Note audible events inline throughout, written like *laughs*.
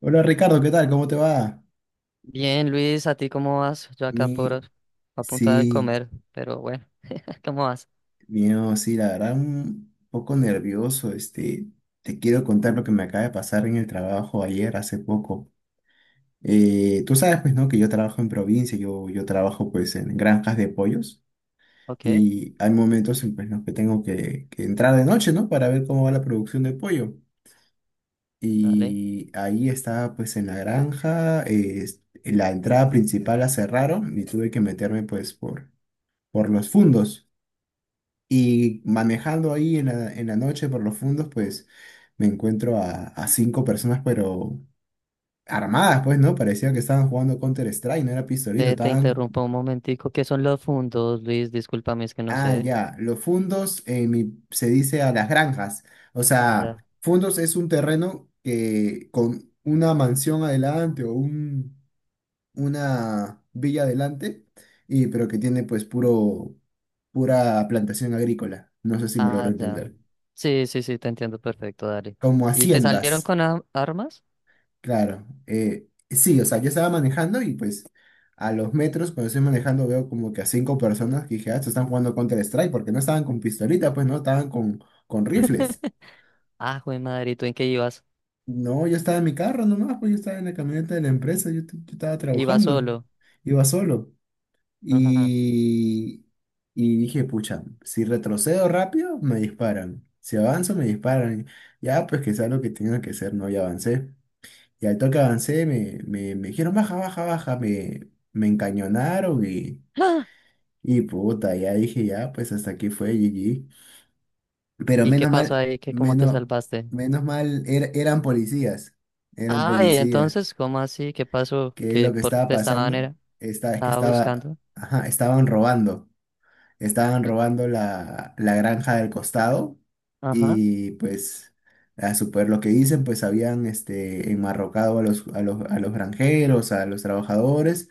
Hola Ricardo, ¿qué tal? ¿Cómo te va? Bien, Luis, ¿a ti cómo vas? Yo Mi, acá por a punto sí, de comer, pero bueno, *laughs* ¿cómo vas? mío, sí, la verdad, un poco nervioso. Te quiero contar lo que me acaba de pasar en el trabajo ayer, hace poco. Tú sabes, pues, ¿no? Que yo trabajo en provincia, yo trabajo, pues, en granjas de pollos, Ok, y hay momentos en pues, no que tengo que entrar de noche, ¿no? Para ver cómo va la producción de pollo. dale. Y ahí estaba, pues, en la granja, la entrada principal la cerraron y tuve que meterme, pues, por los fundos. Y manejando ahí en la noche por los fundos, pues me encuentro a cinco personas, pero armadas, pues, ¿no? Parecía que estaban jugando Counter-Strike, no era pistolito, Ve, te estaban... interrumpo un momentico. ¿Qué son los fundos, Luis? Discúlpame, es que no Ah, sé. ya, los fundos en se dice a las granjas. O Ah, sea, ya. fundos es un terreno que con una mansión adelante una villa adelante, y, pero que tiene pues pura plantación agrícola. No sé si me logro Ah, ya. entender. Sí, sí, sí, te entiendo perfecto, dale. Como ¿Y te salieron haciendas, con armas? claro. Sí, o sea, yo estaba manejando y pues a los metros cuando estoy manejando veo como que a cinco personas que dije, ah, estos están jugando Counter-Strike porque no estaban con pistolita, pues no, estaban con rifles. *laughs* Ah, jue madre, ¿y tú en qué ibas? No, yo estaba en mi carro nomás, pues yo estaba en la camioneta de la empresa, yo estaba Ibas trabajando, solo. iba solo. Ajá. Y, y dije, pucha, si retrocedo rápido, me disparan. Si avanzo, me disparan. Ya, pues que sea lo que tenga que ser, no, ya avancé. Y al toque avancé, me dijeron baja, baja, baja, me encañonaron ¡Ah! y puta, ya dije, ya, pues hasta aquí fue GG. Pero ¿Y qué menos pasó mal, ahí? ¿Qué, cómo te menos, salvaste? menos mal, er- eran policías, eran Ay, policías. entonces, ¿cómo así? ¿Qué pasó? ¿Qué es lo ¿Qué, que por qué estaba te pasando? Es que estaba estaba, buscando? ajá, estaban robando. Estaban L- robando la, la granja del costado Ajá. y pues a su poder lo que dicen, pues habían enmarrocado a los granjeros, a los trabajadores,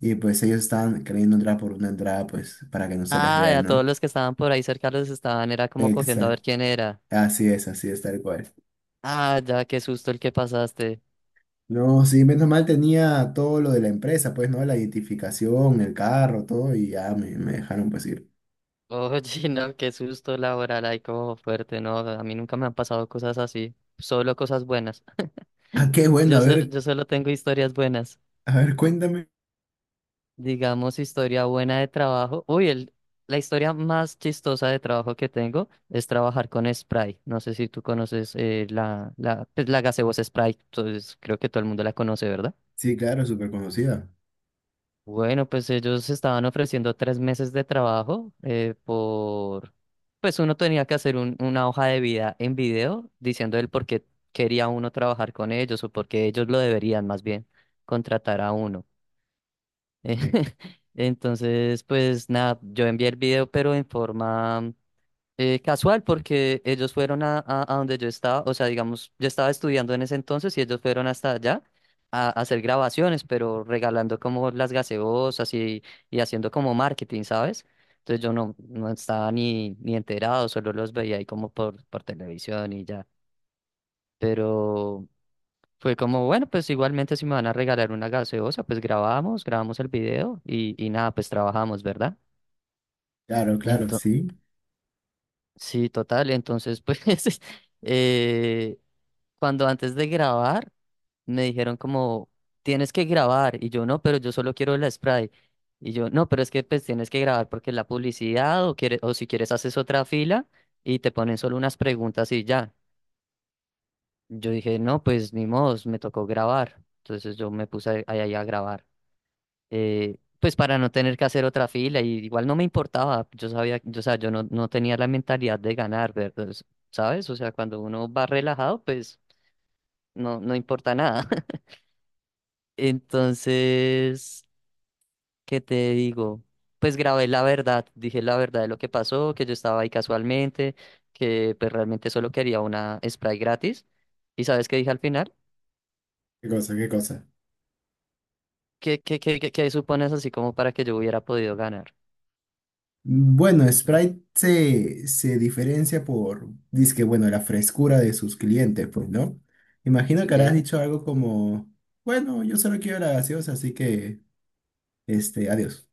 y pues ellos estaban queriendo entrar por una entrada pues para que no se les vea, Ah, a todos ¿no? los que estaban por ahí cerca los estaban, era como cogiendo a ver Exacto. quién era. Así es, tal cual. Ah, ya, qué susto el que pasaste. No, sí, menos mal tenía todo lo de la empresa, pues, ¿no? La identificación, el carro, todo, y ya me dejaron pues ir. Oye, *laughs* no, qué susto laboral, ahí como fuerte, no, a mí nunca me han pasado cosas así, solo cosas buenas. Ah, qué bueno, Yo solo tengo historias buenas, a ver, cuéntame. digamos historia buena de trabajo. Uy, la historia más chistosa de trabajo que tengo es trabajar con Sprite. No sé si tú conoces pues, la gaseosa Sprite, entonces creo que todo el mundo la conoce, ¿verdad? Sí, claro, súper conocida. Bueno, pues ellos estaban ofreciendo tres meses de trabajo por, pues uno tenía que hacer una hoja de vida en video diciendo el por qué quería uno trabajar con ellos o por qué ellos lo deberían más bien contratar a uno. *laughs* Entonces, pues nada, yo envié el video pero en forma casual, porque ellos fueron a donde yo estaba, o sea, digamos, yo estaba estudiando en ese entonces y ellos fueron hasta allá a hacer grabaciones, pero regalando como las gaseosas y haciendo como marketing, ¿sabes? Entonces yo no, no estaba ni enterado, solo los veía ahí como por televisión y ya. Pero fue como, bueno, pues igualmente si me van a regalar una gaseosa, pues grabamos, grabamos el video y nada, pues trabajamos, ¿verdad? Claro, claro, sí. Sí, total. Entonces, pues, *laughs* eh, cuando antes de grabar, me dijeron como, tienes que grabar. Y yo, no, pero yo solo quiero el spray. Y yo, no, pero es que pues tienes que grabar porque la publicidad o si quieres haces otra fila y te ponen solo unas preguntas y ya. Yo dije, no, pues ni modo, me tocó grabar. Entonces yo me puse ahí a grabar pues para no tener que hacer otra fila, y igual no me importaba, yo sabía, yo, o sea, yo no, no tenía la mentalidad de ganar, ¿verdad? ¿Sabes? O sea, cuando uno va relajado, pues no, no importa nada. *laughs* Entonces, ¿qué te digo? Pues grabé la verdad, dije la verdad de lo que pasó, que yo estaba ahí casualmente, que pues realmente solo quería una spray gratis. ¿Y sabes qué dije al final? ¿Qué cosa? ¿Qué cosa? ¿Qué supones así como para que yo hubiera podido ganar? Bueno, Sprite se diferencia por, dizque, bueno, la frescura de sus clientes, pues, ¿no? Imagino que habrás Sí. dicho algo como, bueno, yo solo quiero la gaseosa, así que, adiós.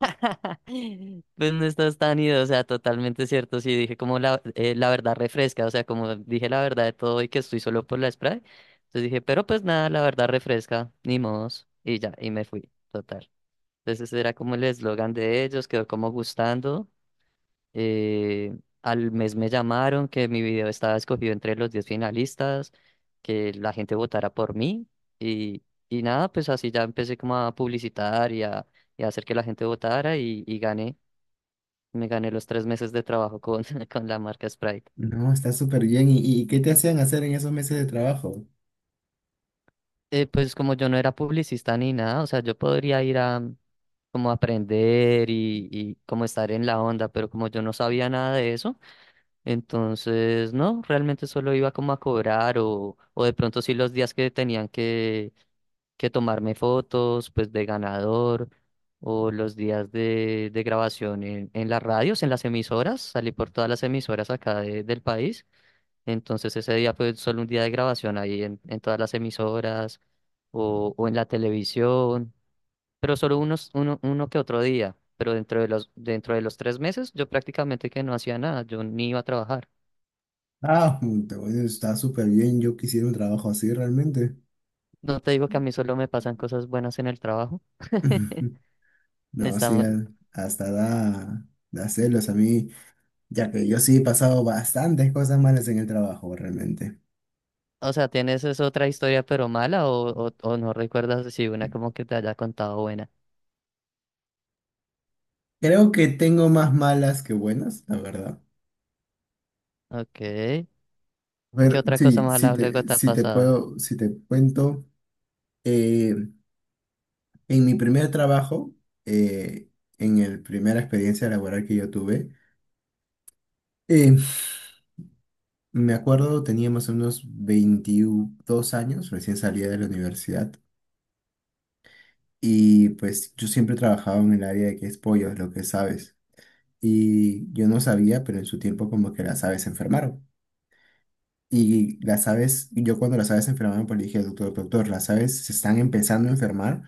*laughs* Pues no estás tan ido, o sea, totalmente cierto. Sí, dije como la verdad refresca, o sea, como dije la verdad de todo y que estoy solo por la spray. Entonces dije, pero pues nada, la verdad refresca, ni modos. Y ya, y me fui, total. Entonces ese era como el eslogan de ellos, quedó como gustando. eh, Al mes me llamaron que mi video estaba escogido entre los 10 finalistas, que la gente votara por mí. Y, y nada, pues así ya empecé como a publicitar y a hacer que la gente votara y gané. Me gané los tres meses de trabajo con, *laughs* con la marca Sprite. No, está súper bien. Y qué te hacían hacer en esos meses de trabajo? Pues como yo no era publicista ni nada, o sea, yo podría ir a como aprender y como estar en la onda, pero como yo no sabía nada de eso, entonces no, realmente solo iba como a cobrar o de pronto sí los días que tenían que tomarme fotos, pues de ganador o los días de grabación en las radios, en las emisoras, salí por todas las emisoras acá del país. Entonces ese día fue solo un día de grabación ahí en todas las emisoras o en la televisión, pero solo unos, uno que otro día. Pero dentro de los tres meses yo prácticamente que no hacía nada, yo ni iba a trabajar. Ah, puta, bueno, está súper bien. Yo quisiera un trabajo así realmente. No te digo que a mí solo me pasan cosas buenas en el trabajo. *laughs* *laughs* No, sí, Estamos, hasta da, da celos a mí, ya que yo sí he pasado bastantes cosas malas en el trabajo realmente. o sea, ¿tienes es otra historia pero mala o no recuerdas si una como que te haya contado buena? Creo que tengo más malas que buenas, la verdad. Ok. A ¿Qué ver, otra cosa sí, sí mala luego te, te ha si te pasado? puedo, si te cuento, eh, en mi primer trabajo, eh, en el primera experiencia laboral que yo tuve, eh, me acuerdo tenía más o menos 22 años, recién salía de la universidad, y pues yo siempre trabajaba en el área de que es pollos, lo que sabes, y yo no sabía, pero en su tiempo como que las aves se enfermaron. Y las aves, yo cuando las aves se enfermaban, pues le dije al doctor, doctor, las aves se están empezando a enfermar,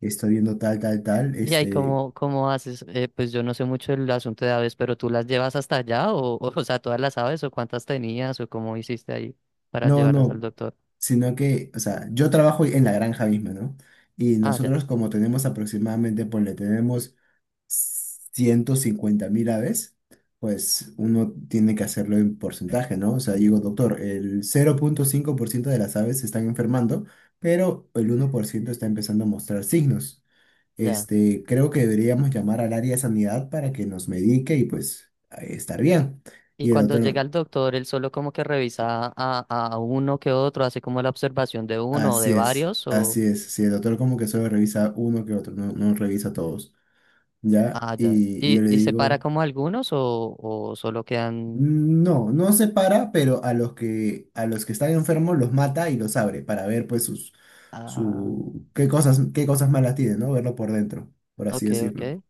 estoy viendo tal, tal, tal, Y ahí, ¿cómo, cómo haces? Pues yo no sé mucho del asunto de aves, pero ¿tú las llevas hasta allá? ¿O, *laughs* o sea, todas las aves o cuántas tenías o cómo hiciste ahí para no, llevarlas al no, doctor? sino que, o sea, yo trabajo en la granja misma, ¿no? Y Ah, ya, nosotros como tenemos aproximadamente, pues le tenemos 150.000 aves, pues uno tiene que hacerlo en porcentaje, ¿no? O sea, digo, doctor, el 0,5% de las aves se están enfermando, pero el 1% está empezando a mostrar signos. ya. Creo que deberíamos llamar al área de sanidad para que nos medique y pues estar bien. Y Y el cuando llega doctor, el doctor, él solo como que revisa a uno que otro, hace como la observación de uno o así de es, varios o... así es. Sí, el doctor como que solo revisa uno que otro, no, no revisa todos, ¿ya? Ah, ya. Y yo le Y separa digo, como algunos o solo quedan... no, no se para, pero a los que están enfermos los mata y los abre para ver pues sus, Ah, su, qué cosas malas tienen, ¿no? Verlo por dentro, por así ok, decirlo. ok,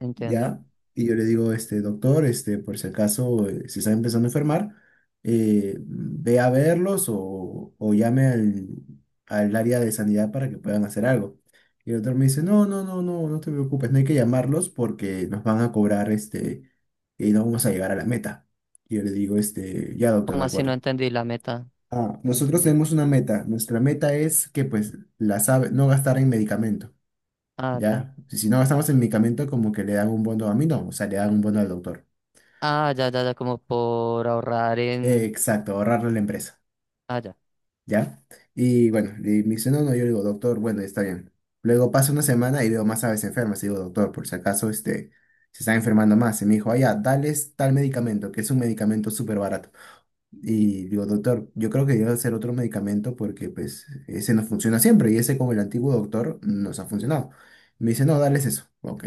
entiendo. ¿Ya? Y yo le digo, doctor, por si acaso se está empezando a enfermar, ve a verlos o llame al área de sanidad para que puedan hacer algo. Y el doctor me dice, no, no, no, no, no te preocupes, no hay que llamarlos porque nos van a cobrar, y no vamos a llegar a la meta. Y yo le digo, ya, doctor, de ¿Cómo así no acuerdo. entendí la meta? Ah, No nosotros entendí. tenemos una meta. Nuestra meta es que, pues, no gastar en medicamentos. Ah, ya. ¿Ya? Si si no gastamos en medicamento, como que le dan un bono a mí, no, o sea, le dan un bono al doctor. Ah, ya, ya, ya, como por ahorrar en... Exacto, ahorrarle a la empresa, Ah, ya, ¿ya? Y bueno, y me dice, no, no, yo le digo, doctor, bueno, está bien. Luego pasa una semana y veo más aves enfermas, y digo, doctor, por si acaso, se están enfermando más. Y me dijo, ah, ya, dales tal medicamento, que es un medicamento súper barato. Y digo, doctor, yo creo que debe ser otro medicamento porque pues ese no funciona siempre y ese con el antiguo doctor nos ha funcionado. Me dice, no, dale eso. Ok.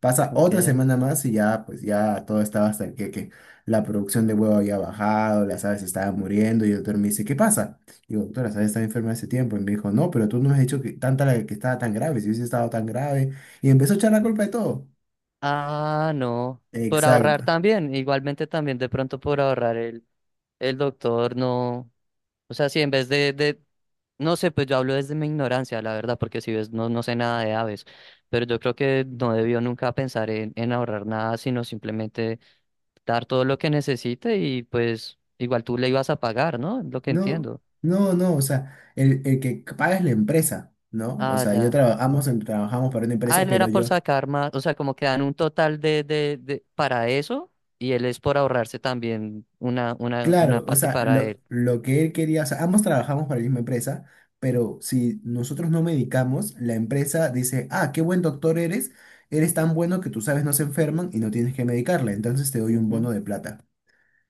Pasa otra ok. semana más y ya, pues ya todo estaba hasta el que la producción de huevo había bajado, las aves estaban muriendo y el doctor me dice, ¿qué pasa? Digo, doctor, las aves están enfermas hace tiempo. Y me dijo, no, pero tú no me has dicho que tanta la que estaba tan grave, si hubiese estado tan grave. Y empezó a echar la culpa de todo. Ah, no, por ahorrar Exacto. también, igualmente también de pronto por ahorrar el doctor, no. O sea, si en vez de... No sé, pues yo hablo desde mi ignorancia, la verdad, porque si ves, no, no sé nada de aves, pero yo creo que no debió nunca pensar en ahorrar nada, sino simplemente dar todo lo que necesite y pues igual tú le ibas a pagar, ¿no? Lo que No, entiendo. no, no, o sea, el que paga es la empresa, ¿no? O Ah, sea, yo ya. Trabajamos para una Ah, empresa, él pero era por yo, sacar más, o sea, como que dan un total de para eso y él es por ahorrarse también una, una claro, o parte sea, para él. lo que él quería, o sea, ambos trabajamos para la misma empresa, pero si nosotros no medicamos, la empresa dice, ah, qué buen doctor eres, eres tan bueno que tus aves no se enferman y no tienes que medicarla, entonces te doy un Ujú. bono de plata,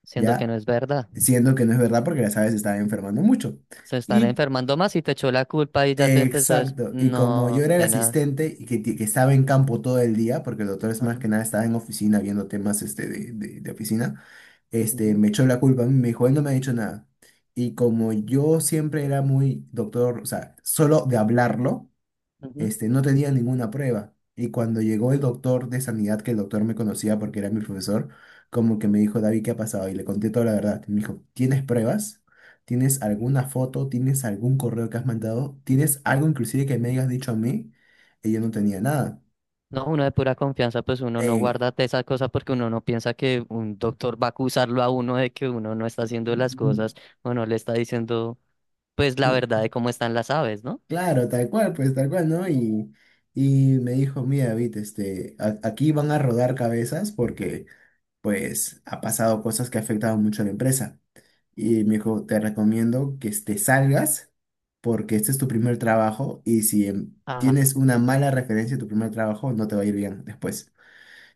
Siendo que no ¿ya? es verdad. Siendo que no es verdad porque las aves se estaban enfermando mucho. Se están enfermando más y te echó la culpa y ya te empezó a decir, Exacto, y como yo no, era el tenaz. asistente y que estaba en campo todo el día, porque el doctor es más que Ajá, nada estaba en oficina viendo temas de oficina, ujú, me echó la culpa, a mí, me dijo, él no me ha dicho nada. Y como yo siempre era muy doctor, o sea, solo de hablarlo, ujú". No tenía ninguna prueba. Y cuando llegó el doctor de sanidad, que el doctor me conocía porque era mi profesor, como que me dijo, David, ¿qué ha pasado? Y le conté toda la verdad. Me dijo, ¿tienes pruebas? ¿Tienes alguna foto? ¿Tienes algún correo que has mandado? ¿Tienes algo inclusive que me hayas dicho a mí? Y yo no tenía nada. No, uno de pura confianza, pues uno no En- guarda de esa cosa porque uno no piensa que un doctor va a acusarlo a uno de que uno no está haciendo las cosas o no le está diciendo, pues, la verdad cl- de cómo están las aves, ¿no? claro, tal cual, pues tal cual, ¿no? Y me dijo, mira, David, aquí van a rodar cabezas porque, pues, ha pasado cosas que afectaban mucho a la empresa. Y me dijo, te recomiendo que te salgas porque este es tu primer trabajo y si Ajá. tienes una mala referencia de tu primer trabajo, no te va a ir bien después.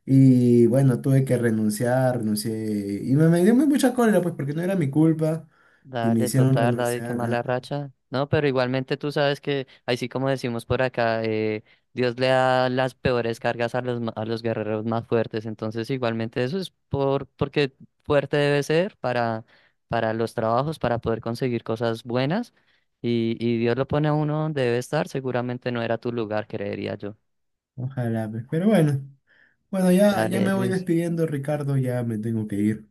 Y bueno, tuve que renuncié y me dio muy mucha cólera pues porque no era mi culpa y me Dale, hicieron total, David, qué renunciar. mala Ajá, racha. No, pero igualmente tú sabes que, así como decimos por acá, Dios le da las peores cargas a los, a los guerreros más fuertes. Entonces, igualmente eso es por, porque fuerte debe ser para los trabajos, para poder conseguir cosas buenas. Y Dios lo pone a uno donde debe estar. Seguramente no era tu lugar, creería yo. ojalá, pues. Pero bueno, bueno, ya Dale, me voy Luis. despidiendo, Ricardo, ya me tengo que ir.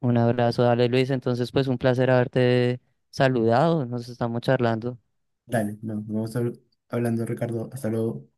Un abrazo, dale, Luis. Entonces, pues un placer haberte saludado. Nos estamos charlando. Dale, no, hablando, Ricardo, hasta luego.